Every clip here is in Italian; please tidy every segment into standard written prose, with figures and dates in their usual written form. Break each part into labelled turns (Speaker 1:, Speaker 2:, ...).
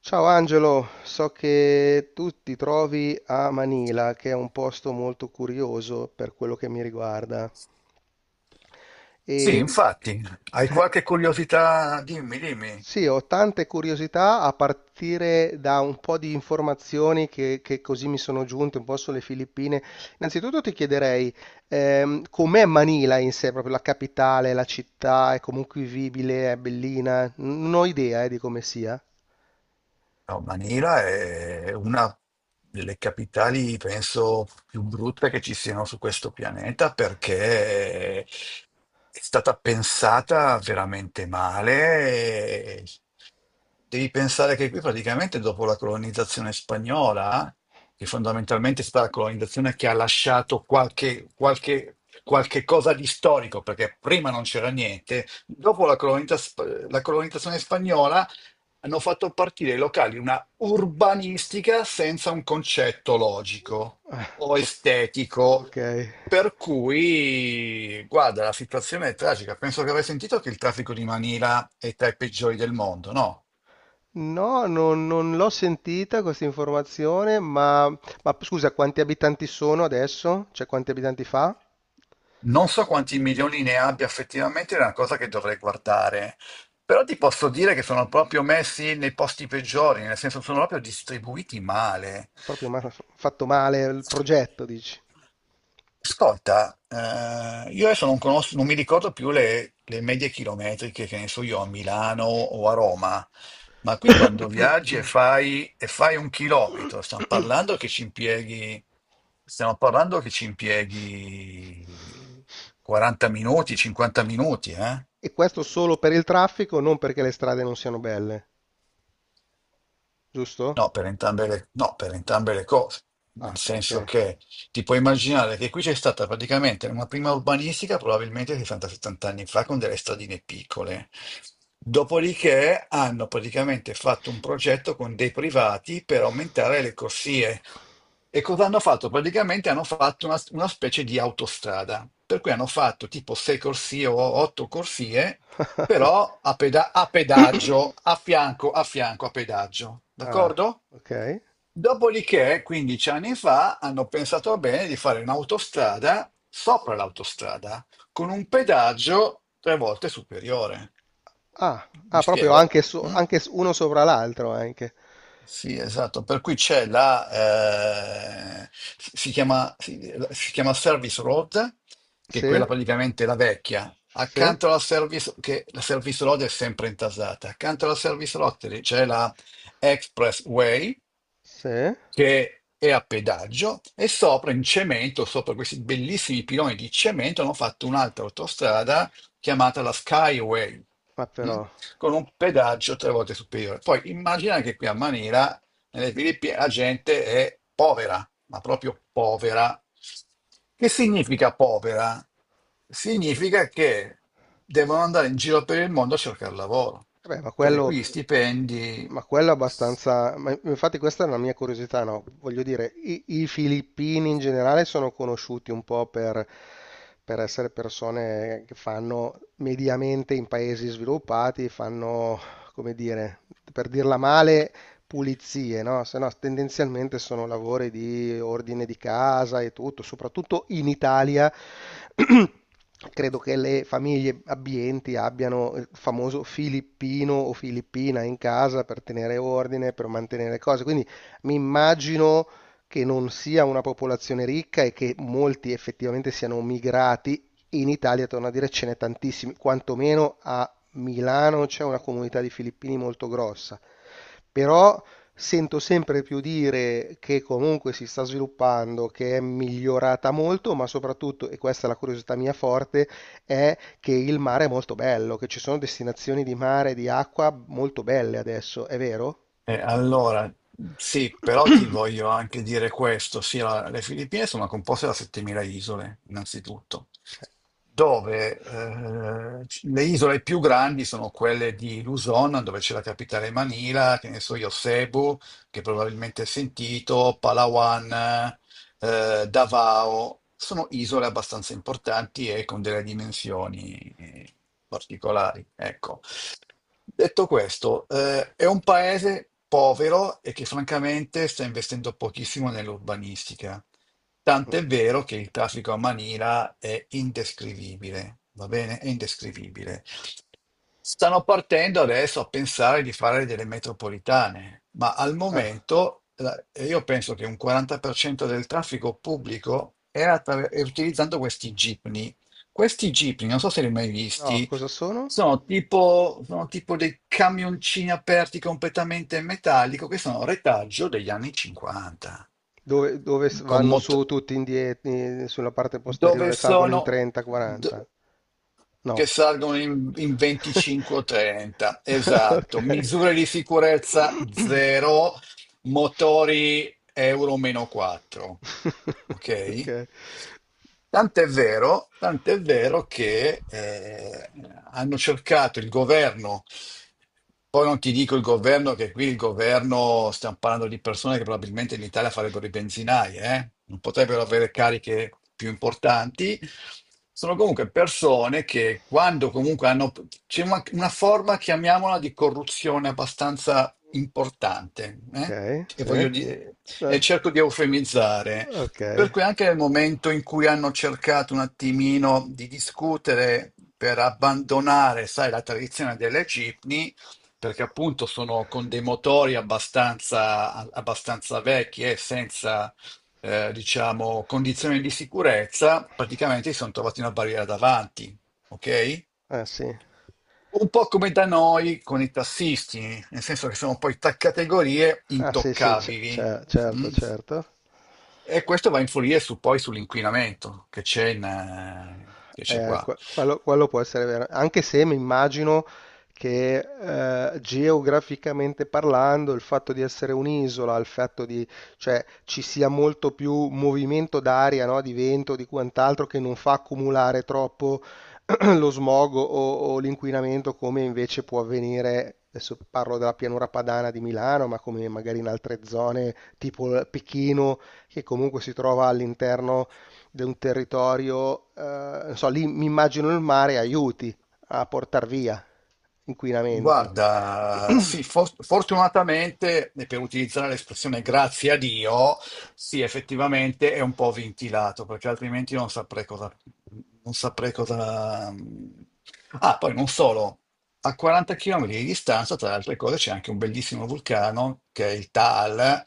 Speaker 1: Ciao Angelo, so che tu ti trovi a Manila, che è un posto molto curioso per quello che mi riguarda.
Speaker 2: Sì,
Speaker 1: E
Speaker 2: infatti. Hai qualche curiosità? Dimmi, dimmi.
Speaker 1: sì, ho tante curiosità a partire da un po' di informazioni che così mi sono giunte un po' sulle Filippine. Innanzitutto ti chiederei, com'è Manila in sé, proprio la capitale, la città, è comunque vivibile, è bellina? Non ho idea, di come sia.
Speaker 2: No, Manila è una delle capitali, penso, più brutte che ci siano su questo pianeta, perché è stata pensata veramente male. Devi pensare che qui praticamente dopo la colonizzazione spagnola, che fondamentalmente è stata la colonizzazione che ha lasciato qualche cosa di storico, perché prima non c'era niente, dopo la la colonizzazione spagnola hanno fatto partire i locali una urbanistica senza un concetto logico o estetico.
Speaker 1: Ok.
Speaker 2: Per cui, guarda, la situazione è tragica. Penso che avrai sentito che il traffico di Manila è tra i peggiori del mondo, no?
Speaker 1: No, non l'ho sentita questa informazione, ma scusa, quanti abitanti sono adesso? Cioè, quanti abitanti fa?
Speaker 2: Non so quanti milioni ne abbia effettivamente, è una cosa che dovrei guardare. Però ti posso dire che sono proprio messi nei posti peggiori, nel senso sono proprio distribuiti male.
Speaker 1: È proprio ma- fatto male il progetto, dici.
Speaker 2: Ascolta, io adesso non conosco, non mi ricordo più le medie chilometriche che ne so io a Milano o a Roma, ma qui quando viaggi e fai un chilometro, stiamo parlando che ci impieghi, stiamo parlando che ci impieghi 40 minuti, 50 minuti, eh?
Speaker 1: E questo solo per il traffico, non perché le strade non siano belle, giusto?
Speaker 2: No, per entrambe le cose, nel
Speaker 1: Ah, ok.
Speaker 2: senso che ti puoi immaginare che qui c'è stata praticamente una prima urbanistica, probabilmente 60-70 anni fa, con delle stradine piccole. Dopodiché hanno praticamente fatto un progetto con dei privati per aumentare le corsie. E cosa hanno fatto? Praticamente hanno fatto una specie di autostrada, per cui hanno fatto tipo 6 corsie o 8 corsie, però a pedaggio, a fianco, a pedaggio,
Speaker 1: Ah,
Speaker 2: d'accordo?
Speaker 1: ok.
Speaker 2: Dopodiché, 15 anni fa, hanno pensato bene di fare un'autostrada sopra l'autostrada, con un pedaggio tre volte superiore.
Speaker 1: Ah,
Speaker 2: Mi
Speaker 1: ah, proprio
Speaker 2: spiego?
Speaker 1: anche, so-
Speaker 2: Mm?
Speaker 1: anche s- uno sopra l'altro, anche.
Speaker 2: Sì, esatto, per cui c'è la, eh, si chiama, si, si chiama Service Road, che è
Speaker 1: Sì,
Speaker 2: quella praticamente la vecchia.
Speaker 1: sì,
Speaker 2: Accanto alla Service, che la Service Road è sempre intasata, accanto alla Service Road c'è la Expressway,
Speaker 1: sì.
Speaker 2: che è a pedaggio, e sopra in cemento, sopra questi bellissimi piloni di cemento, hanno fatto un'altra autostrada chiamata la Skyway.
Speaker 1: Ma
Speaker 2: Mm?
Speaker 1: però,
Speaker 2: Con un pedaggio tre volte superiore. Poi immagina che qui a Manila, nelle Filippine, la gente è povera, ma proprio povera. Che significa povera? Significa che devono andare in giro per il mondo a cercare lavoro,
Speaker 1: vabbè, ma
Speaker 2: perché
Speaker 1: quello,
Speaker 2: qui i stipendi…
Speaker 1: ma quello è abbastanza. Ma infatti, questa è una mia curiosità, no? Voglio dire, i filippini in generale sono conosciuti un po' per essere persone che fanno mediamente in paesi sviluppati, fanno, come dire, per dirla male, pulizie, no? Se no, tendenzialmente sono lavori di ordine di casa e tutto, soprattutto in Italia. Credo che le famiglie abbienti abbiano il famoso filippino o filippina in casa per tenere ordine, per mantenere cose. Quindi mi immagino che non sia una popolazione ricca e che molti effettivamente siano migrati. In Italia, torno a dire, ce n'è tantissimi, quantomeno a Milano c'è una comunità di filippini molto grossa, però sento sempre più dire che comunque si sta sviluppando, che è migliorata molto, ma soprattutto, e questa è la curiosità mia forte, è che il mare è molto bello, che ci sono destinazioni di mare, di acqua molto belle adesso, è vero?
Speaker 2: Allora, sì, però ti voglio anche dire questo. Sì, le Filippine sono composte da 7.000 isole, innanzitutto, dove le isole più grandi sono quelle di Luzon, dove c'è la capitale Manila, che ne so io, Cebu, che probabilmente hai sentito, Palawan, Davao, sono isole abbastanza importanti e con delle dimensioni particolari, ecco. Detto questo, è un paese povero e che francamente sta investendo pochissimo nell'urbanistica. Tant'è vero che il traffico a Manila è indescrivibile, va bene? È indescrivibile. Stanno partendo adesso a pensare di fare delle metropolitane, ma al
Speaker 1: Ah,
Speaker 2: momento io penso che un 40% del traffico pubblico è utilizzando questi jeepney, questi jeepney, non so se li hai mai
Speaker 1: no,
Speaker 2: visti.
Speaker 1: cosa sono?
Speaker 2: Sono tipo, sono tipo dei camioncini aperti completamente in metallico che sono retaggio degli anni 50,
Speaker 1: Dove, dove s-
Speaker 2: con
Speaker 1: vanno
Speaker 2: mot-
Speaker 1: su tutti indietro, sulla parte
Speaker 2: dove
Speaker 1: posteriore, salgono in
Speaker 2: sono d-
Speaker 1: 30-40? No.
Speaker 2: che salgono in, in 25 o 30, esatto,
Speaker 1: Okay.
Speaker 2: misure di sicurezza zero, motori Euro meno 4, ok?
Speaker 1: Okay.
Speaker 2: Tant'è vero che hanno cercato il governo, poi non ti dico il governo, che qui il governo, stiamo parlando di persone che probabilmente in Italia farebbero i benzinai, eh? Non potrebbero avere cariche più importanti, sono comunque persone che quando comunque hanno… C'è una forma, chiamiamola, di corruzione abbastanza importante, eh?
Speaker 1: Okay,
Speaker 2: E
Speaker 1: sì.
Speaker 2: voglio dire, e
Speaker 1: Eh,
Speaker 2: cerco di eufemizzare, per
Speaker 1: okay.
Speaker 2: cui anche nel momento in cui hanno cercato un attimino di discutere per abbandonare, sai, la tradizione delle cipni, perché appunto sono con dei motori abbastanza, abbastanza vecchi e senza, diciamo, condizioni di sicurezza, praticamente si sono trovati una barriera davanti, ok?
Speaker 1: Eh sì.
Speaker 2: Un po' come da noi con i tassisti, nel senso che sono poi tre categorie
Speaker 1: Ah sì, sì, ce
Speaker 2: intoccabili.
Speaker 1: ce certo,
Speaker 2: Mm?
Speaker 1: certo.
Speaker 2: E questo va a poi sull'inquinamento che c'è che c'è qua.
Speaker 1: Que- quello, quello può essere vero, anche se mi immagino che geograficamente parlando il fatto di essere un'isola, il fatto di, cioè, ci sia molto più movimento d'aria, no? Di vento, di quant'altro, che non fa accumulare troppo lo smog o l'inquinamento come invece può avvenire, adesso parlo della pianura padana di Milano, ma come magari in altre zone tipo Pechino, che comunque si trova all'interno di un territorio, non so, lì mi immagino il mare aiuti a portar via inquinamento.
Speaker 2: Guarda, sì, fortunatamente, e per utilizzare l'espressione grazie a Dio, sì, effettivamente è un po' ventilato, perché altrimenti non saprei cosa… Non saprei cosa… Ah, poi non solo, a 40 km di distanza, tra le altre cose, c'è anche un bellissimo vulcano, che è il Taal,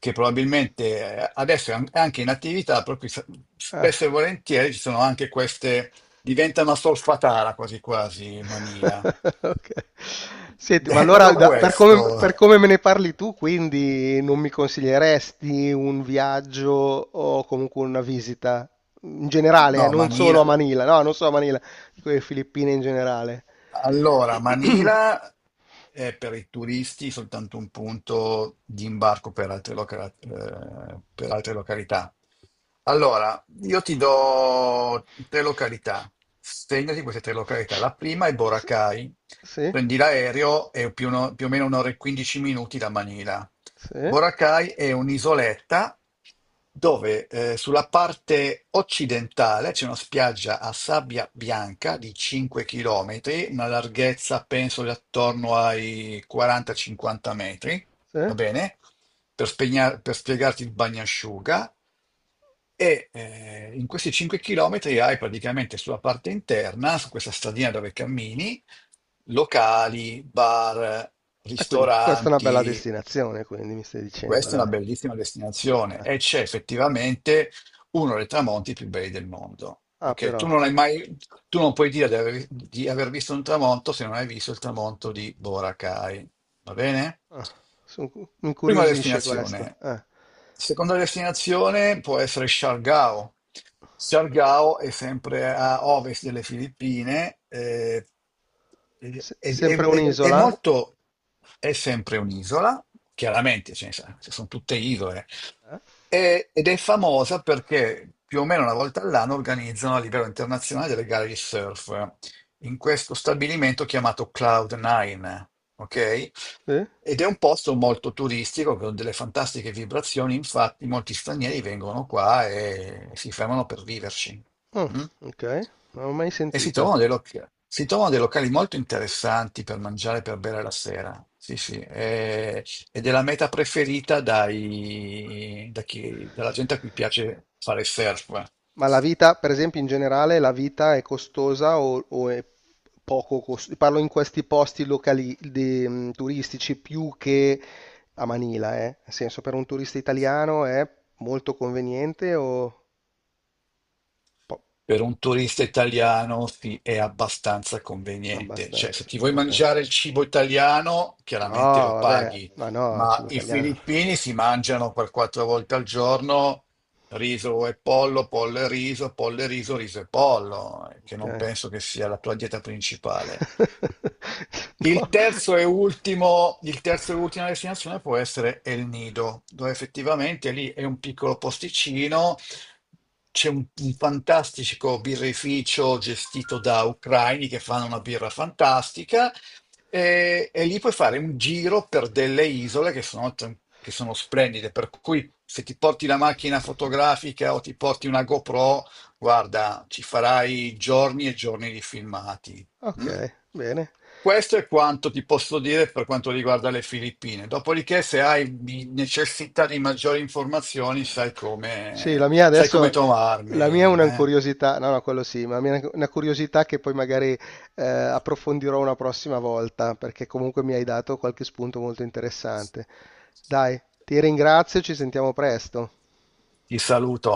Speaker 2: che probabilmente adesso è anche in attività, proprio spesso e
Speaker 1: Ah.
Speaker 2: volentieri ci sono anche queste… Diventa una solfatara quasi quasi Manila.
Speaker 1: Ok. Senti, ma allora
Speaker 2: Detto
Speaker 1: da-
Speaker 2: questo,
Speaker 1: per come me ne parli tu, quindi non mi consiglieresti un viaggio o comunque una visita in generale,
Speaker 2: no,
Speaker 1: non solo a
Speaker 2: Manila.
Speaker 1: Manila, no, non solo a Manila, dico le Filippine in generale.
Speaker 2: Allora, Manila è per i turisti soltanto un punto di imbarco per altre, per altre località. Allora, io ti do tre località. Segnati queste tre località. La prima è
Speaker 1: S-
Speaker 2: Boracay.
Speaker 1: Sì,
Speaker 2: Prendi l'aereo e più, o no- più o meno un'ora e 15 minuti da Manila.
Speaker 1: sì,
Speaker 2: Boracay è un'isoletta dove sulla parte occidentale c'è una spiaggia a sabbia bianca di 5 km, una larghezza penso di attorno ai 40-50 metri,
Speaker 1: sì.
Speaker 2: va bene? Per spiegarti il bagnasciuga. E in questi 5 km hai praticamente sulla parte interna, su questa stradina dove cammini, locali, bar,
Speaker 1: E quindi questa è una bella
Speaker 2: ristoranti,
Speaker 1: destinazione, quindi mi stai
Speaker 2: e
Speaker 1: dicendo,
Speaker 2: questa è una
Speaker 1: dai.
Speaker 2: bellissima destinazione
Speaker 1: Eh.
Speaker 2: e c'è effettivamente uno dei tramonti più belli del mondo.
Speaker 1: Ah,
Speaker 2: Ok,
Speaker 1: però,
Speaker 2: tu non puoi dire di di aver visto un tramonto se non hai visto il tramonto di Boracay. Va bene?
Speaker 1: ah, son cu- mi
Speaker 2: Prima
Speaker 1: incuriosisce questa.
Speaker 2: destinazione. Seconda destinazione può essere Siargao. Siargao è sempre a ovest delle Filippine,
Speaker 1: Se- sempre
Speaker 2: è
Speaker 1: un'isola?
Speaker 2: molto… È sempre un'isola, chiaramente, sono tutte isole,
Speaker 1: Eh?
Speaker 2: ed è famosa perché più o meno una volta all'anno organizzano a livello internazionale delle gare di surf in questo stabilimento chiamato Cloud9, ok?
Speaker 1: Sì?
Speaker 2: Ed è un posto molto turistico con delle fantastiche vibrazioni, infatti molti stranieri vengono qua e si fermano per viverci.
Speaker 1: Mm,
Speaker 2: Mm?
Speaker 1: ok, non l'ho mai
Speaker 2: E si
Speaker 1: sentita.
Speaker 2: trovano dei locali. Si trovano dei locali molto interessanti per mangiare, per bere la sera. Sì, sì. E ed è la meta preferita dalla gente a cui piace fare surf.
Speaker 1: Ma la vita, per esempio, in generale, la vita è costosa o è poco costosa? Parlo in questi posti locali, di- turistici più che a Manila, eh? Nel senso, per un turista italiano è molto conveniente o po-
Speaker 2: Per un turista italiano sì, è abbastanza conveniente. Cioè,
Speaker 1: abbastanza?
Speaker 2: se ti vuoi
Speaker 1: Ok.
Speaker 2: mangiare il cibo italiano,
Speaker 1: No,
Speaker 2: chiaramente lo
Speaker 1: vabbè,
Speaker 2: paghi,
Speaker 1: ma no,
Speaker 2: ma
Speaker 1: cibo
Speaker 2: i
Speaker 1: italiano.
Speaker 2: filippini si mangiano per quattro volte al giorno riso e pollo, pollo e riso, riso e pollo, che
Speaker 1: Ok.
Speaker 2: non penso che sia la tua dieta principale. Il
Speaker 1: No,
Speaker 2: terzo e ultimo, il terzo e ultima destinazione può essere El Nido, dove effettivamente lì è un piccolo posticino. C'è un fantastico birrificio gestito da ucraini che fanno una birra fantastica, e lì puoi fare un giro per delle isole che sono, che sono splendide, per cui se ti porti la macchina fotografica o ti porti una GoPro, guarda, ci farai giorni e giorni di filmati.
Speaker 1: ok,
Speaker 2: Mm?
Speaker 1: bene.
Speaker 2: Questo è quanto ti posso dire per quanto riguarda le Filippine. Dopodiché, se hai necessità di maggiori informazioni,
Speaker 1: Sì, la mia
Speaker 2: sai come
Speaker 1: adesso,
Speaker 2: trovarmi.
Speaker 1: la mia è una
Speaker 2: Eh.
Speaker 1: curiosità, no, no, quello sì, ma la mia è una curiosità che poi magari approfondirò una prossima volta, perché comunque mi hai dato qualche spunto molto interessante. Dai, ti ringrazio, ci sentiamo presto.
Speaker 2: Ti saluto.